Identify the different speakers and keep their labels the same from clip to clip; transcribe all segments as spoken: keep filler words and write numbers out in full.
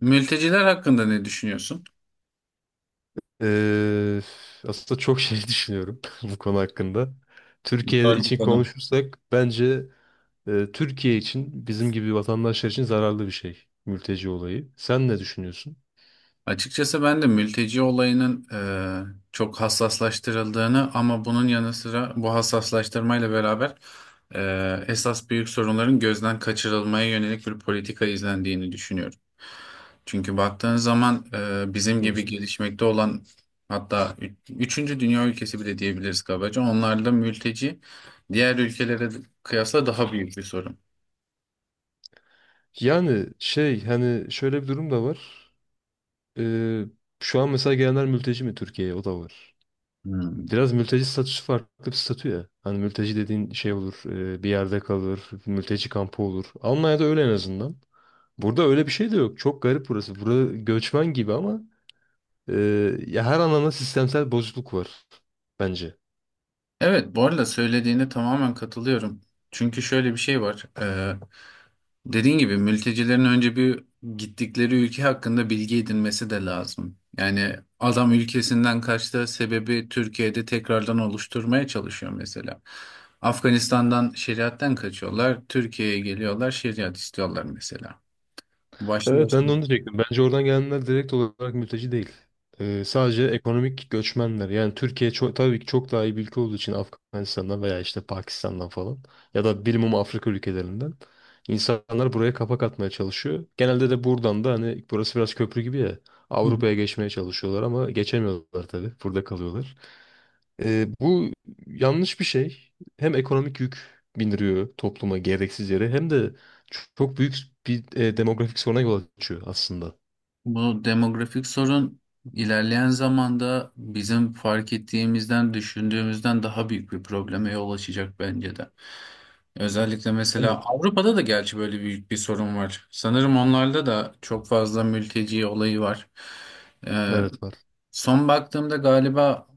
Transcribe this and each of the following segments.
Speaker 1: Mülteciler hakkında ne düşünüyorsun?
Speaker 2: Eee, Aslında çok şey düşünüyorum bu konu hakkında. Türkiye
Speaker 1: Güzel bir
Speaker 2: için
Speaker 1: konu.
Speaker 2: konuşursak bence e, Türkiye için bizim gibi vatandaşlar için zararlı bir şey mülteci olayı. Sen ne düşünüyorsun?
Speaker 1: Açıkçası ben de mülteci olayının e, çok hassaslaştırıldığını ama bunun yanı sıra bu hassaslaştırmayla beraber e, esas büyük sorunların gözden kaçırılmaya yönelik bir politika izlendiğini düşünüyorum. Çünkü baktığın zaman e, bizim
Speaker 2: Hı
Speaker 1: gibi
Speaker 2: hı.
Speaker 1: gelişmekte olan hatta ü- üçüncü dünya ülkesi bile diyebiliriz kabaca. Onlarda mülteci diğer ülkelere kıyasla daha büyük bir sorun.
Speaker 2: Yani şey hani şöyle bir durum da var. Eee, Şu an mesela gelenler mülteci mi Türkiye'ye? O da var.
Speaker 1: Hmm.
Speaker 2: Biraz mülteci statüsü farklı bir statü ya. Hani mülteci dediğin şey olur, e, bir yerde kalır, mülteci kampı olur. Almanya'da öyle en azından. Burada öyle bir şey de yok. Çok garip burası. Burada göçmen gibi ama e, ya her anlamda sistemsel bozukluk var bence.
Speaker 1: Evet, bu arada söylediğine tamamen katılıyorum. Çünkü şöyle bir şey var. Ee, dediğin gibi mültecilerin önce bir gittikleri ülke hakkında bilgi edinmesi de lazım. Yani adam ülkesinden kaçtığı sebebi Türkiye'de tekrardan oluşturmaya çalışıyor mesela. Afganistan'dan şeriatten kaçıyorlar. Türkiye'ye geliyorlar, şeriat istiyorlar mesela. Başlı
Speaker 2: Evet
Speaker 1: başına.
Speaker 2: ben de onu diyecektim. Bence oradan gelenler direkt olarak mülteci değil. E, sadece ekonomik göçmenler. Yani Türkiye çok, tabii ki çok daha iyi bir ülke olduğu için Afganistan'dan veya işte Pakistan'dan falan ya da bilmem Afrika ülkelerinden insanlar buraya kapak atmaya çalışıyor. Genelde de buradan da hani burası biraz köprü gibi ya Avrupa'ya geçmeye çalışıyorlar ama geçemiyorlar tabii. Burada kalıyorlar. Ee, bu yanlış bir şey. Hem ekonomik yük bindiriyor topluma gereksiz yere hem de çok büyük bir e, demografik soruna yol açıyor aslında.
Speaker 1: Bu demografik sorun ilerleyen zamanda bizim fark ettiğimizden, düşündüğümüzden daha büyük bir probleme yol açacak bence de. Özellikle
Speaker 2: Evet.
Speaker 1: mesela Avrupa'da da gerçi böyle büyük bir sorun var. Sanırım onlarda da çok fazla mülteci olayı var. Ee,
Speaker 2: Evet var.
Speaker 1: son baktığımda galiba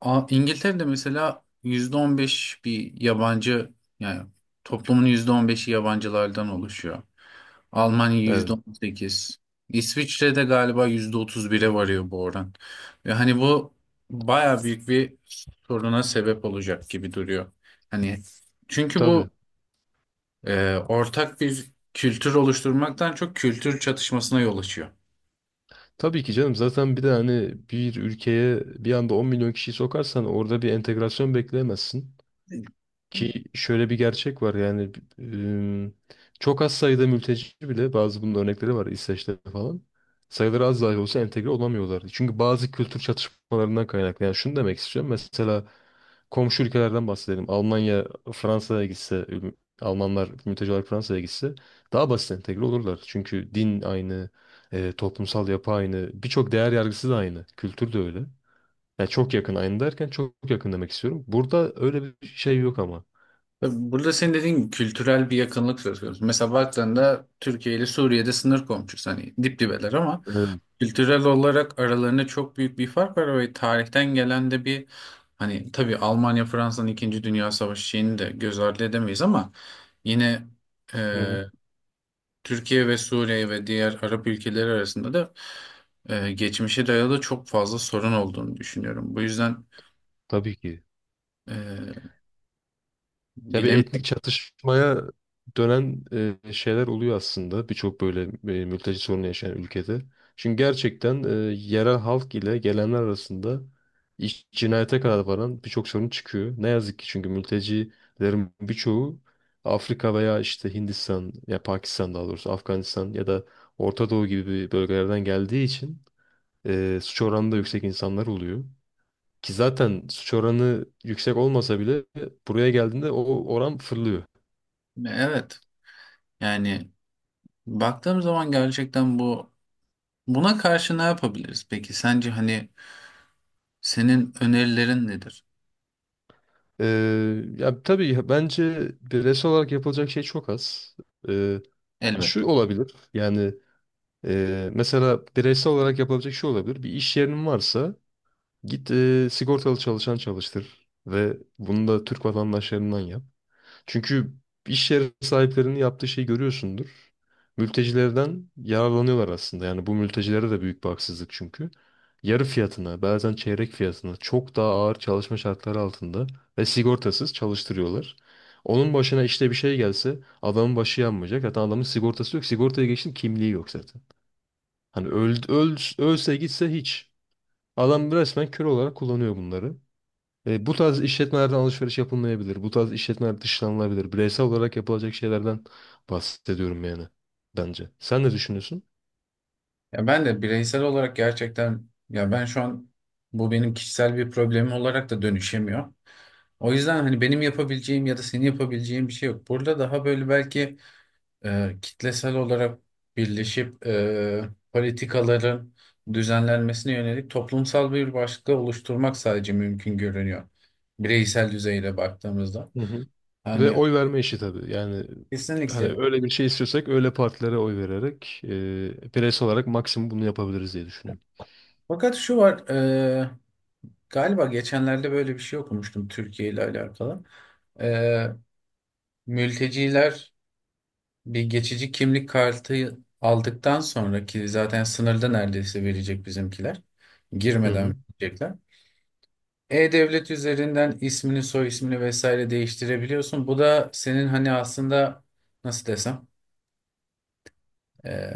Speaker 1: A- İngiltere'de mesela yüzde on beş bir yabancı, yani toplumun yüzde on beşi yabancılardan oluşuyor. Almanya yüzde
Speaker 2: Evet.
Speaker 1: on sekiz, İsviçre'de galiba yüzde otuz bir'e varıyor bu oran. Ve hani bu baya büyük bir soruna sebep olacak gibi duruyor. Hani çünkü
Speaker 2: Tabii.
Speaker 1: bu e, ortak bir kültür oluşturmaktan çok kültür çatışmasına yol açıyor.
Speaker 2: Tabii ki canım. Zaten bir de hani bir ülkeye bir anda on milyon kişiyi sokarsan orada bir entegrasyon bekleyemezsin. Ki şöyle bir gerçek var yani ım, çok az sayıda mülteci bile bazı bunun örnekleri var İsveç'te falan. Sayıları az dahi olsa entegre olamıyorlar. Çünkü bazı kültür çatışmalarından kaynaklı. Yani şunu demek istiyorum. Mesela komşu ülkelerden bahsedelim. Almanya Fransa'ya gitse, üm, Almanlar mülteci olarak Fransa'ya gitse daha basit entegre olurlar. Çünkü din aynı, e, toplumsal yapı aynı, birçok değer yargısı da aynı, kültür de öyle. Yani çok yakın aynı derken çok yakın demek istiyorum. Burada öyle bir şey yok ama.
Speaker 1: Tabii burada senin dediğin gibi kültürel bir yakınlık söz konusu. Mesela baktığında Türkiye ile Suriye'de sınır komşusu, hani dip dibeler ama kültürel olarak aralarında çok büyük bir fark var ve tarihten gelen de bir, hani tabii Almanya Fransa'nın İkinci Dünya Savaşı şeyini de göz ardı edemeyiz ama yine e,
Speaker 2: Hı hı.
Speaker 1: Türkiye ve Suriye ve diğer Arap ülkeleri arasında da e, geçmişe dayalı çok fazla sorun olduğunu düşünüyorum. Bu yüzden
Speaker 2: Tabii ki.
Speaker 1: e,
Speaker 2: Ya bir etnik
Speaker 1: bilemiyorum.
Speaker 2: çatışmaya dönen e, şeyler oluyor aslında birçok böyle e, mülteci sorunu yaşayan ülkede. Çünkü gerçekten e, yerel halk ile gelenler arasında iş, cinayete kadar varan birçok sorun çıkıyor. Ne yazık ki çünkü mültecilerin birçoğu Afrika veya işte Hindistan ya Pakistan daha doğrusu Afganistan ya da Orta Doğu gibi bölgelerden geldiği için e, suç oranı da yüksek insanlar oluyor. Ki zaten suç oranı yüksek olmasa bile buraya geldiğinde o oran fırlıyor.
Speaker 1: Evet, yani baktığım zaman gerçekten bu buna karşı ne yapabiliriz? Peki sence hani senin önerilerin nedir?
Speaker 2: Ee, ya tabii bence bireysel olarak yapılacak şey çok az. Ee,
Speaker 1: Elbette.
Speaker 2: Şu olabilir yani e, mesela bireysel olarak yapılabilecek şey olabilir. Bir iş yerinin varsa git e, sigortalı çalışan çalıştır ve bunu da Türk vatandaşlarından yap. Çünkü iş yeri sahiplerinin yaptığı şeyi görüyorsundur. Mültecilerden yararlanıyorlar aslında. Yani bu mültecilere de büyük bir haksızlık çünkü. Yarı fiyatına, bazen çeyrek fiyatına çok daha ağır çalışma şartları altında ve sigortasız çalıştırıyorlar. Onun başına işte bir şey gelse adamın başı yanmayacak. Zaten adamın sigortası yok. Sigortaya geçtim kimliği yok zaten. Hani öl, öl- ölse gitse hiç. Adam resmen kör olarak kullanıyor bunları. E, bu tarz işletmelerden alışveriş yapılmayabilir. Bu tarz işletmeler dışlanılabilir. Bireysel olarak yapılacak şeylerden bahsediyorum yani bence. Sen ne düşünüyorsun?
Speaker 1: Ya ben de bireysel olarak gerçekten, ya ben şu an bu benim kişisel bir problemim olarak da dönüşemiyor. O yüzden hani benim yapabileceğim ya da senin yapabileceğin bir şey yok. Burada daha böyle belki e, kitlesel olarak birleşip e, politikaların düzenlenmesine yönelik toplumsal bir başlık oluşturmak sadece mümkün görünüyor. Bireysel düzeyde baktığımızda.
Speaker 2: Hı hı. Ve
Speaker 1: Yani
Speaker 2: oy verme işi tabii. Yani hani
Speaker 1: kesinlikle.
Speaker 2: öyle bir şey istiyorsak öyle partilere oy vererek e, bireysel olarak maksimum bunu yapabiliriz diye düşünüyorum.
Speaker 1: Fakat şu var, e, galiba geçenlerde böyle bir şey okumuştum Türkiye ile alakalı. E, mülteciler bir geçici kimlik kartı aldıktan sonraki zaten sınırda neredeyse verecek bizimkiler.
Speaker 2: Hı hı.
Speaker 1: Girmeden verecekler. E-Devlet üzerinden ismini, soy ismini vesaire değiştirebiliyorsun. Bu da senin hani aslında nasıl desem, e,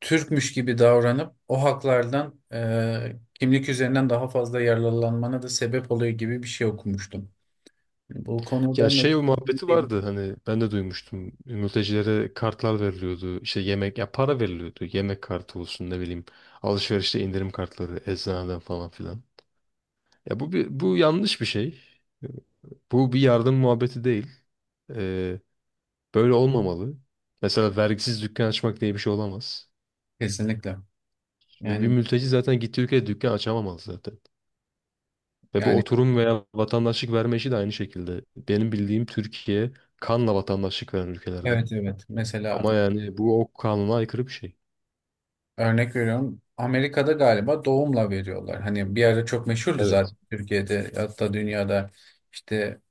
Speaker 1: Türkmüş gibi davranıp o haklardan e, kimlik üzerinden daha fazla yararlanmana da sebep oluyor gibi bir şey okumuştum. Yani bu konuda
Speaker 2: Ya
Speaker 1: mı?
Speaker 2: şey o muhabbeti vardı hani ben de duymuştum. Mültecilere kartlar veriliyordu. İşte yemek ya para veriliyordu. Yemek kartı olsun ne bileyim. Alışverişte indirim kartları eczaneden falan filan. Ya bu bir, bu yanlış bir şey. Bu bir yardım muhabbeti değil. Ee, Böyle olmamalı. Mesela vergisiz dükkan açmak diye bir şey olamaz.
Speaker 1: Kesinlikle.
Speaker 2: Bir, bir
Speaker 1: Yani
Speaker 2: mülteci zaten gittiği ülkede dükkan açamamalı zaten. Ve bu
Speaker 1: yani
Speaker 2: oturum veya vatandaşlık verme işi de aynı şekilde. Benim bildiğim Türkiye kanla vatandaşlık veren ülkelerden.
Speaker 1: evet, evet. Mesela
Speaker 2: Ama yani bu o kanuna aykırı bir şey.
Speaker 1: örnek veriyorum. Amerika'da galiba doğumla veriyorlar. Hani bir ara çok meşhurdu
Speaker 2: Evet.
Speaker 1: zaten Türkiye'de, hatta dünyada işte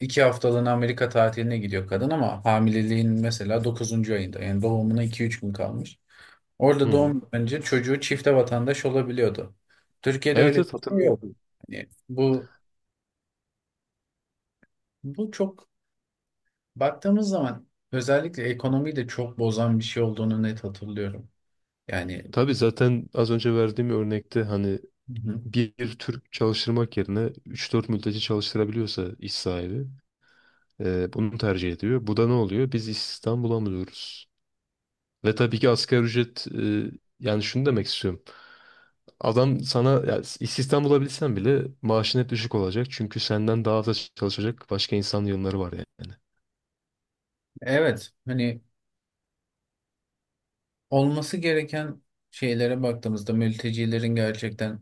Speaker 1: iki haftalığına Amerika tatiline gidiyor kadın ama hamileliğin mesela dokuzuncu ayında, yani doğumuna iki üç gün kalmış.
Speaker 2: Hı
Speaker 1: Orada
Speaker 2: hı.
Speaker 1: doğum önce çocuğu çifte vatandaş olabiliyordu. Türkiye'de öyle
Speaker 2: Evet, evet,
Speaker 1: bir şey yok.
Speaker 2: hatırlıyorum.
Speaker 1: Yani bu bu çok, baktığımız zaman özellikle ekonomiyi de çok bozan bir şey olduğunu net hatırlıyorum. Yani,
Speaker 2: Tabii zaten az önce verdiğim örnekte hani
Speaker 1: hı hı,
Speaker 2: bir Türk çalıştırmak yerine üç dört mülteci çalıştırabiliyorsa iş sahibi e, bunu tercih ediyor. Bu da ne oluyor? Biz istihdam bulamıyoruz. Ve tabii ki asgari ücret e, yani şunu demek istiyorum. Adam sana ya, istihdam bulabilsen bile maaşın hep düşük olacak. Çünkü senden daha da çalışacak başka insan yığınları var yani.
Speaker 1: evet, hani olması gereken şeylere baktığımızda mültecilerin gerçekten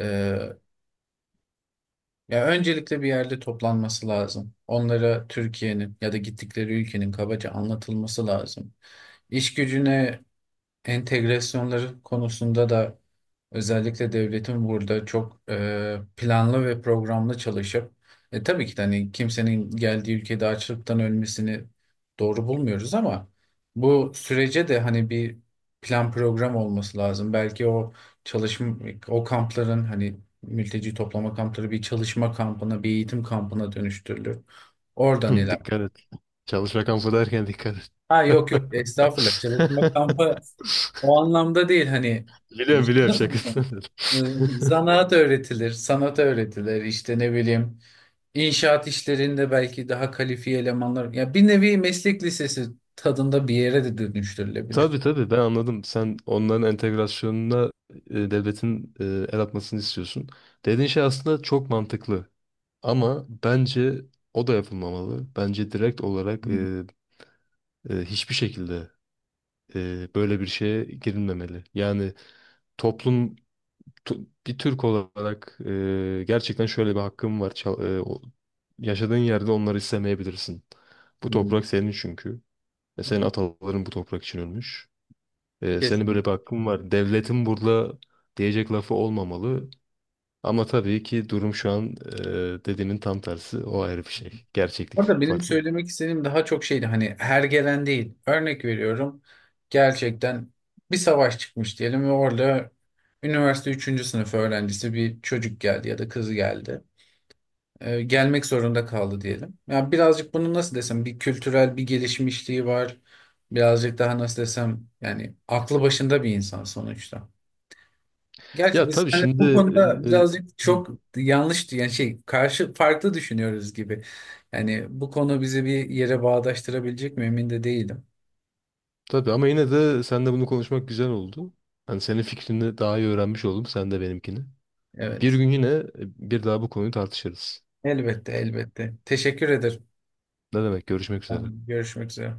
Speaker 1: e, ya öncelikle bir yerde toplanması lazım. Onlara Türkiye'nin ya da gittikleri ülkenin kabaca anlatılması lazım. İş gücüne entegrasyonları konusunda da özellikle devletin burada çok e, planlı ve programlı çalışıp e, tabii ki de hani kimsenin geldiği ülkede açlıktan ölmesini doğru bulmuyoruz ama bu sürece de hani bir plan program olması lazım. Belki o çalışma, o kampların hani mülteci toplama kampları bir çalışma kampına, bir eğitim kampına dönüştürülür. Oradan
Speaker 2: Hı,
Speaker 1: ilerler.
Speaker 2: dikkat et. Çalışma kampı derken dikkat et.
Speaker 1: Ha yok yok, estağfurullah, çalışma kampı o anlamda değil, hani
Speaker 2: Biliyorum,
Speaker 1: işte
Speaker 2: biliyorum,
Speaker 1: nasıl
Speaker 2: şakasını
Speaker 1: desem,
Speaker 2: dedim.
Speaker 1: ıı, zanaat öğretilir, sanat öğretilir, işte ne bileyim inşaat işlerinde belki daha kalifiye elemanlar, ya bir nevi meslek lisesi tadında bir yere de dönüştürülebilir.
Speaker 2: Tabii, tabii, ben anladım. Sen onların entegrasyonuna e, devletin e, el atmasını istiyorsun. Dediğin şey aslında çok mantıklı. Ama bence o da yapılmamalı. Bence direkt olarak
Speaker 1: Hmm.
Speaker 2: e, e, hiçbir şekilde e, böyle bir şeye girilmemeli. Yani toplum Tu- bir Türk olarak e, gerçekten şöyle bir hakkım var. Çal- e, o- yaşadığın yerde onları istemeyebilirsin. Bu
Speaker 1: Hmm.
Speaker 2: toprak senin çünkü. Ve senin ataların bu toprak için ölmüş. E, senin böyle bir
Speaker 1: Kesinlikle.
Speaker 2: hakkın var. Devletin burada diyecek lafı olmamalı. Ama tabii ki durum şu an e, dediğinin tam tersi. O ayrı bir şey. Gerçeklik
Speaker 1: Orada benim
Speaker 2: farklı.
Speaker 1: söylemek istediğim daha çok şeydi, hani her gelen değil. Örnek veriyorum, gerçekten bir savaş çıkmış diyelim ve orada üniversite üçüncü sınıf öğrencisi bir çocuk geldi ya da kız geldi. Ee, gelmek zorunda kaldı diyelim. Ya birazcık bunu nasıl desem, bir kültürel bir gelişmişliği var. Birazcık daha nasıl desem, yani aklı başında bir insan sonuçta. Gerçi
Speaker 2: Ya
Speaker 1: biz
Speaker 2: tabii
Speaker 1: hani
Speaker 2: şimdi
Speaker 1: bu konuda
Speaker 2: e, e,
Speaker 1: birazcık
Speaker 2: hı,
Speaker 1: çok yanlış, yani şey karşı farklı düşünüyoruz gibi. Yani bu konu bizi bir yere bağdaştırabilecek mi emin de değilim.
Speaker 2: tabii ama yine de seninle bunu konuşmak güzel oldu. Hani senin fikrini daha iyi öğrenmiş oldum. Sen de benimkini. Bir
Speaker 1: Evet.
Speaker 2: gün yine e, bir daha bu konuyu tartışırız.
Speaker 1: Elbette, elbette. Teşekkür ederim.
Speaker 2: Ne demek? Görüşmek üzere.
Speaker 1: Tamam, görüşmek üzere.